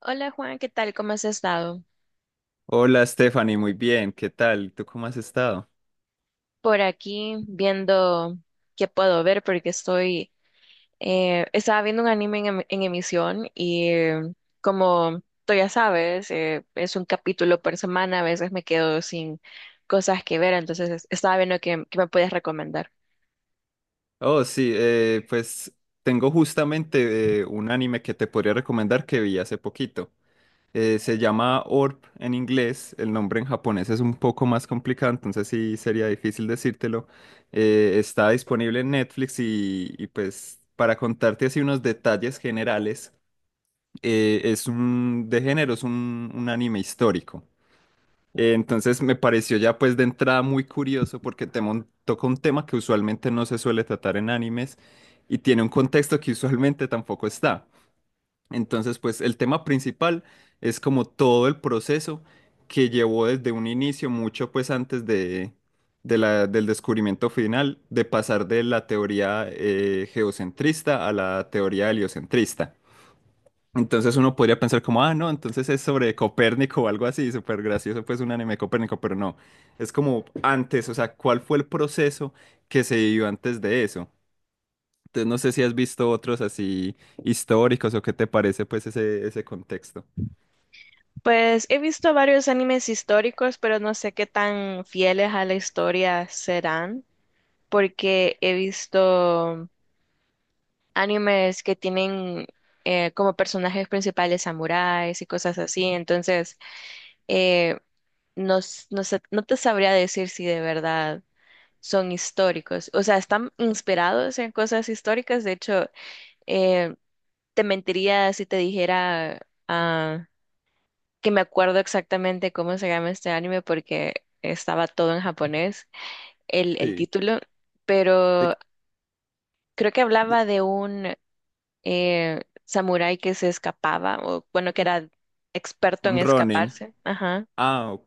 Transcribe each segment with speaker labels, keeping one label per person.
Speaker 1: Hola Juan, ¿qué tal? ¿Cómo has estado?
Speaker 2: Hola Stephanie, muy bien, ¿qué tal? ¿Tú cómo has estado?
Speaker 1: Por aquí viendo qué puedo ver porque estoy, estaba viendo un anime en emisión y como tú ya sabes, es un capítulo por semana, a veces me quedo sin cosas que ver, entonces estaba viendo qué me puedes recomendar.
Speaker 2: Oh, sí, pues tengo justamente un anime que te podría recomendar que vi hace poquito. Se llama Orb en inglés, el nombre en japonés es un poco más complicado, entonces sí sería difícil decírtelo. Está disponible en Netflix y pues para contarte así unos detalles generales, es un de género, es un anime histórico. Entonces me pareció ya pues de entrada muy curioso porque toca un tema que usualmente no se suele tratar en animes y tiene un contexto que usualmente tampoco está. Entonces pues el tema principal es como todo el proceso que llevó desde un inicio, mucho pues antes de la, del descubrimiento final, de pasar de la teoría geocentrista a la teoría heliocentrista. Entonces uno podría pensar como, ah, no, entonces es sobre Copérnico o algo así, súper gracioso, pues un anime de Copérnico, pero no, es como antes, o sea, ¿cuál fue el proceso que se vivió antes de eso? Entonces no sé si has visto otros así históricos o qué te parece pues ese contexto.
Speaker 1: Pues he visto varios animes históricos, pero no sé qué tan fieles a la historia serán porque he visto animes que tienen como personajes principales samuráis y cosas así. Entonces, eh, no, no te sabría decir si de verdad son históricos. O sea, están inspirados en cosas históricas. De hecho, eh, te mentiría si te dijera ah, que me acuerdo exactamente cómo se llama este anime porque estaba todo en japonés, el
Speaker 2: Sí,
Speaker 1: título.
Speaker 2: de,
Speaker 1: Pero creo que
Speaker 2: de,
Speaker 1: hablaba de un samurái que se escapaba, o bueno, que era experto en
Speaker 2: un Ronin.
Speaker 1: escaparse. Ajá.
Speaker 2: Ah, o-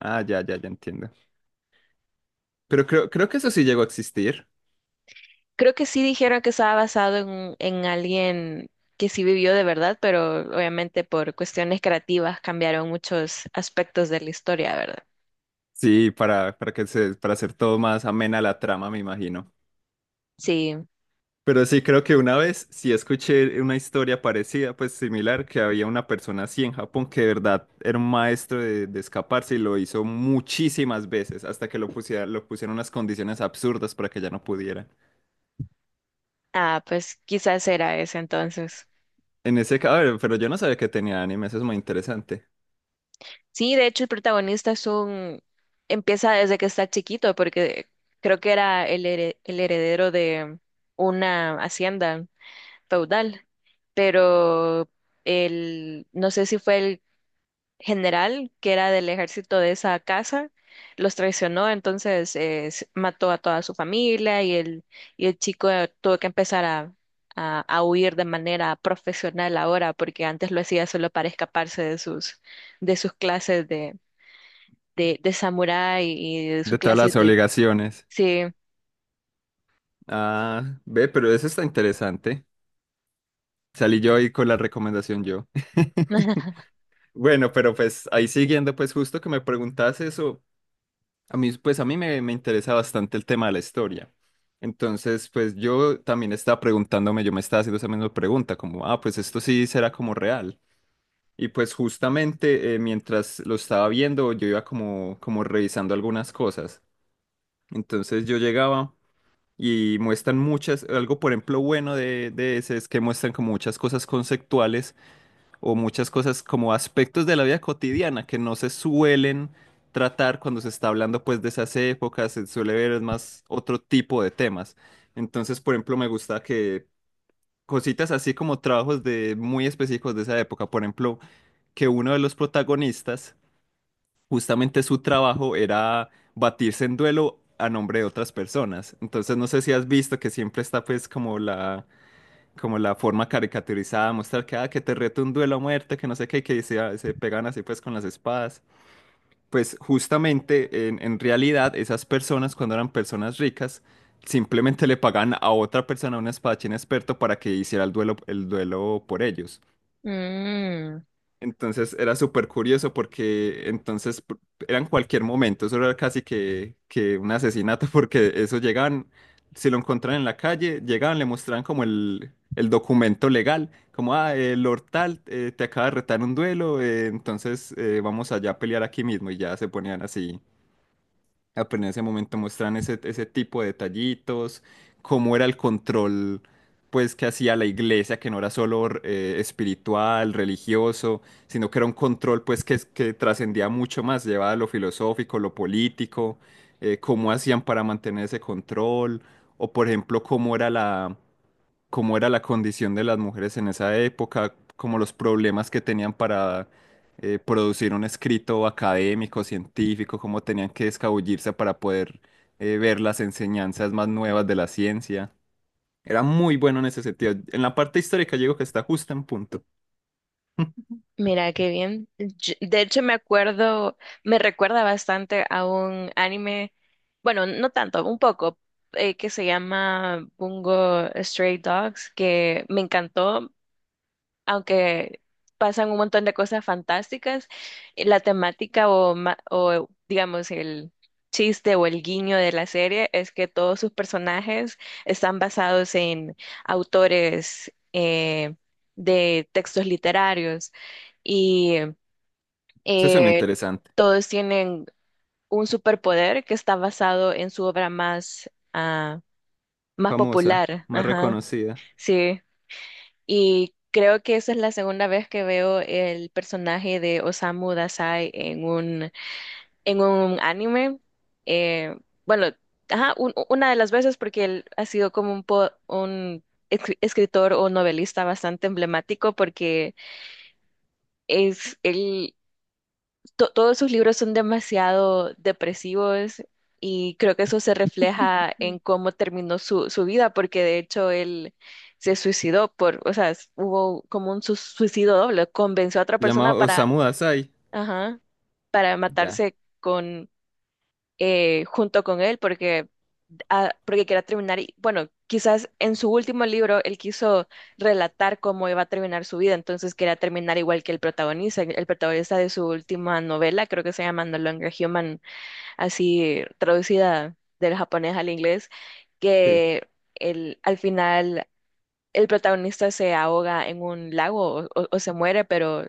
Speaker 2: ah, ya, ya, ya entiendo. Pero creo que eso sí llegó a existir.
Speaker 1: Creo que sí dijeron que estaba basado en alguien que sí vivió de verdad, pero obviamente por cuestiones creativas cambiaron muchos aspectos de la historia, ¿verdad?
Speaker 2: Sí, para que se, para hacer todo más amena la trama, me imagino.
Speaker 1: Sí.
Speaker 2: Pero sí, creo que una vez sí escuché una historia parecida, pues similar, que había una persona así en Japón que de verdad era un maestro de escaparse y lo hizo muchísimas veces hasta que lo pusiera, lo pusieron unas condiciones absurdas para que ya no pudiera.
Speaker 1: Ah, pues quizás era ese entonces.
Speaker 2: En ese caso, pero yo no sabía que tenía anime, eso es muy interesante.
Speaker 1: Sí, de hecho el protagonista es un empieza desde que está chiquito, porque creo que era el heredero de una hacienda feudal, pero el, no sé si fue el general que era del ejército de esa casa, los traicionó, entonces mató a toda su familia y el chico tuvo que empezar a huir de manera profesional ahora, porque antes lo hacía solo para escaparse de sus clases de samurái y de
Speaker 2: De
Speaker 1: sus
Speaker 2: todas las
Speaker 1: clases de...
Speaker 2: obligaciones.
Speaker 1: Sí.
Speaker 2: Ah, ve, pero eso está interesante. Salí yo ahí con la recomendación yo. Bueno, pero pues ahí siguiendo, pues justo que me preguntas eso, a mí, pues a mí me interesa bastante el tema de la historia. Entonces, pues yo también estaba preguntándome, yo me estaba haciendo esa misma pregunta, como, ah, pues esto sí será como real. Y pues justamente mientras lo estaba viendo, yo iba como revisando algunas cosas. Entonces yo llegaba y muestran muchas, algo por ejemplo bueno de ese es que muestran como muchas cosas conceptuales o muchas cosas como aspectos de la vida cotidiana que no se suelen tratar cuando se está hablando pues de esas épocas, se suele ver más otro tipo de temas. Entonces, por ejemplo, me gusta que cositas así como trabajos de muy específicos de esa época, por ejemplo, que uno de los protagonistas, justamente su trabajo era batirse en duelo a nombre de otras personas. Entonces, no sé si has visto que siempre está pues como la forma caricaturizada, mostrar que, ah, que te reto un duelo a muerte, que no sé qué, y que se pegan así pues con las espadas. Pues justamente en realidad esas personas cuando eran personas ricas simplemente le pagan a otra persona, a un espadachín experto, para que hiciera el duelo por ellos.
Speaker 1: Mm.
Speaker 2: Entonces era súper curioso porque entonces eran cualquier momento, eso era casi que un asesinato porque eso llegaban, si lo encontraban en la calle, llegaban, le mostraban como el documento legal, como, ah, el Lord tal, te acaba de retar un duelo, entonces vamos allá a pelear aquí mismo y ya se ponían así. Ah, pero en ese momento muestran ese tipo de detallitos, cómo era el control, pues, que hacía la iglesia, que no era solo espiritual, religioso, sino que era un control, pues, que trascendía mucho más, llevaba a lo filosófico, lo político, cómo hacían para mantener ese control, o por ejemplo, cómo era la condición de las mujeres en esa época, como los problemas que tenían para producir un escrito académico, científico, cómo tenían que escabullirse para poder ver las enseñanzas más nuevas de la ciencia. Era muy bueno en ese sentido. En la parte histórica yo digo que está justo en punto.
Speaker 1: Mira, qué bien. Yo, de hecho, me acuerdo, me recuerda bastante a un anime, bueno, no tanto, un poco, que se llama Bungo Stray Dogs, que me encantó aunque pasan un montón de cosas fantásticas, la temática o digamos el chiste o el guiño de la serie es que todos sus personajes están basados en autores de textos literarios y
Speaker 2: Eso suena
Speaker 1: eh,
Speaker 2: interesante.
Speaker 1: todos tienen un superpoder que está basado en su obra más
Speaker 2: Famosa,
Speaker 1: popular.
Speaker 2: más
Speaker 1: Ajá,
Speaker 2: reconocida.
Speaker 1: sí. Y creo que esa es la segunda vez que veo el personaje de Osamu Dazai en un anime. Eh, bueno, una de las veces porque él ha sido como un escritor o novelista bastante emblemático porque es él todos sus libros son demasiado depresivos y creo que eso se refleja en cómo terminó su vida, porque de hecho él se suicidó por, o sea, hubo como un suicidio doble, convenció a otra
Speaker 2: Se llama
Speaker 1: persona para,
Speaker 2: Osamu Dazai.
Speaker 1: ajá, para
Speaker 2: Ya,
Speaker 1: matarse con junto con él porque, ah, porque quería terminar, y, bueno, quizás en su último libro él quiso relatar cómo iba a terminar su vida, entonces quería terminar igual que el protagonista de su última novela, creo que se llama No Longer Human, así traducida del japonés al inglés,
Speaker 2: sí.
Speaker 1: que el, al final... El protagonista se ahoga en un lago o se muere, pero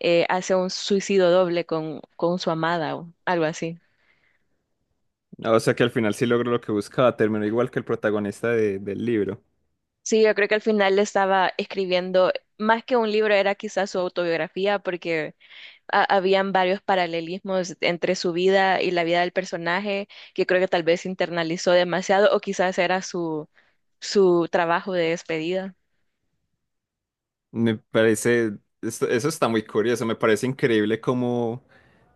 Speaker 1: hace un suicidio doble con su amada o algo así.
Speaker 2: Ah, o sea que al final sí logró lo que buscaba. Terminó igual que el protagonista del libro.
Speaker 1: Sí, yo creo que al final estaba escribiendo, más que un libro, era quizás su autobiografía, porque habían varios paralelismos entre su vida y la vida del personaje, que creo que tal vez internalizó demasiado, o quizás era su, su trabajo de despedida.
Speaker 2: Me parece, eso está muy curioso, me parece increíble cómo,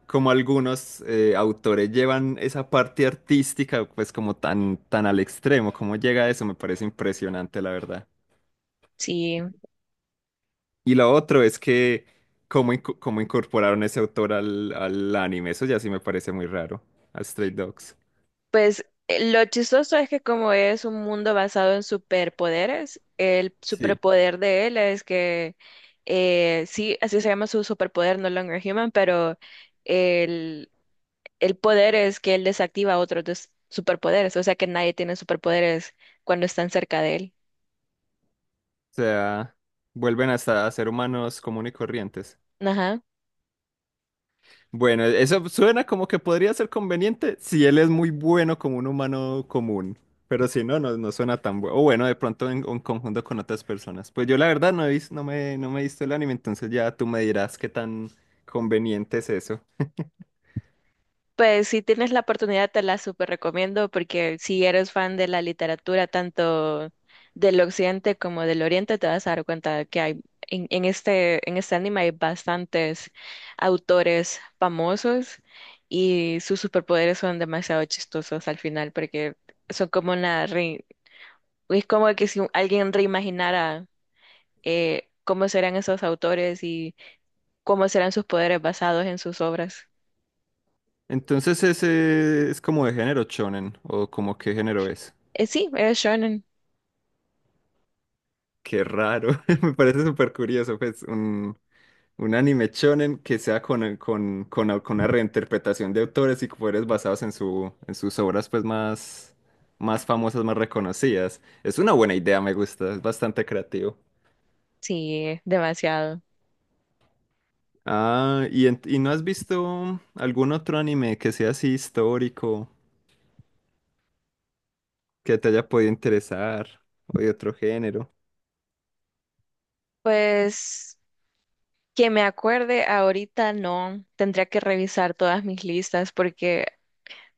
Speaker 2: cómo algunos autores llevan esa parte artística pues como tan al extremo, cómo llega eso, me parece impresionante la verdad.
Speaker 1: Sí,
Speaker 2: Y lo otro es que cómo, cómo incorporaron ese autor al anime, eso ya sí me parece muy raro, a Stray Dogs.
Speaker 1: pues lo chistoso es que como es un mundo basado en superpoderes, el
Speaker 2: Sí, o
Speaker 1: superpoder de él es que, sí, así se llama su superpoder, No Longer Human, pero el poder es que él desactiva otros superpoderes, o sea que nadie tiene superpoderes cuando están cerca de él.
Speaker 2: sea, vuelven hasta a ser humanos común y corrientes.
Speaker 1: Ajá.
Speaker 2: Bueno, eso suena como que podría ser conveniente si él es muy bueno como un humano común, pero si no, no suena tan bueno. O bueno, de pronto en conjunto con otras personas. Pues yo la verdad no he visto, no me he visto el anime, entonces ya tú me dirás qué tan conveniente es eso.
Speaker 1: Pues si tienes la oportunidad te la super recomiendo porque si eres fan de la literatura tanto del occidente como del oriente te vas a dar cuenta que hay en este anime hay bastantes autores famosos y sus superpoderes son demasiado chistosos al final porque son como una es como que si alguien reimaginara cómo serán esos autores y cómo serán sus poderes basados en sus obras.
Speaker 2: Entonces ese es como de género shonen, o como qué género es.
Speaker 1: Sí, es shonen.
Speaker 2: Qué raro, me parece súper curioso, pues un anime shonen que sea con, con una reinterpretación de autores y que fueres basados en su, en sus obras pues más, más famosas, más reconocidas. Es una buena idea, me gusta, es bastante creativo.
Speaker 1: Sí, demasiado.
Speaker 2: Ah, ¿y, y no has visto algún otro anime que sea así histórico, que te haya podido interesar, o de otro género?
Speaker 1: Pues que me acuerde ahorita no, tendría que revisar todas mis listas porque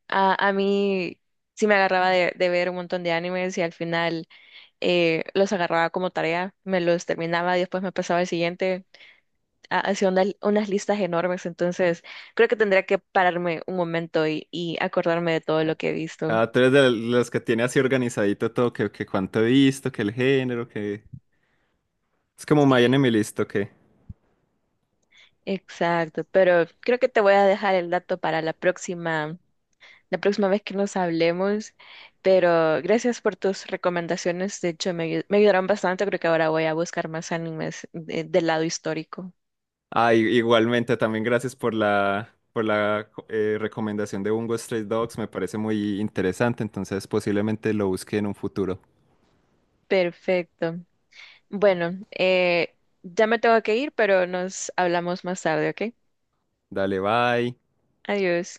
Speaker 1: a mí sí me agarraba de ver un montón de animes y al final los agarraba como tarea, me los terminaba y después me pasaba al siguiente. Hacía unas listas enormes, entonces creo que tendría que pararme un momento y acordarme de todo
Speaker 2: Ah,
Speaker 1: lo que he visto.
Speaker 2: ah, tú eres de los que tiene así organizadito todo, que cuánto he visto, que el género, que... Es como My
Speaker 1: Sí,
Speaker 2: Anime List, ¿o qué?
Speaker 1: exacto, pero creo que te voy a dejar el dato para la próxima vez que nos hablemos, pero gracias por tus recomendaciones, de hecho me ayudaron bastante, creo que ahora voy a buscar más animes del lado histórico.
Speaker 2: Ah, igualmente, también gracias por la recomendación de Bungo Stray Dogs, me parece muy interesante, entonces posiblemente lo busque en un futuro.
Speaker 1: Perfecto. Bueno, ya me tengo que ir, pero nos hablamos más tarde, ¿ok?
Speaker 2: Dale, bye.
Speaker 1: Adiós.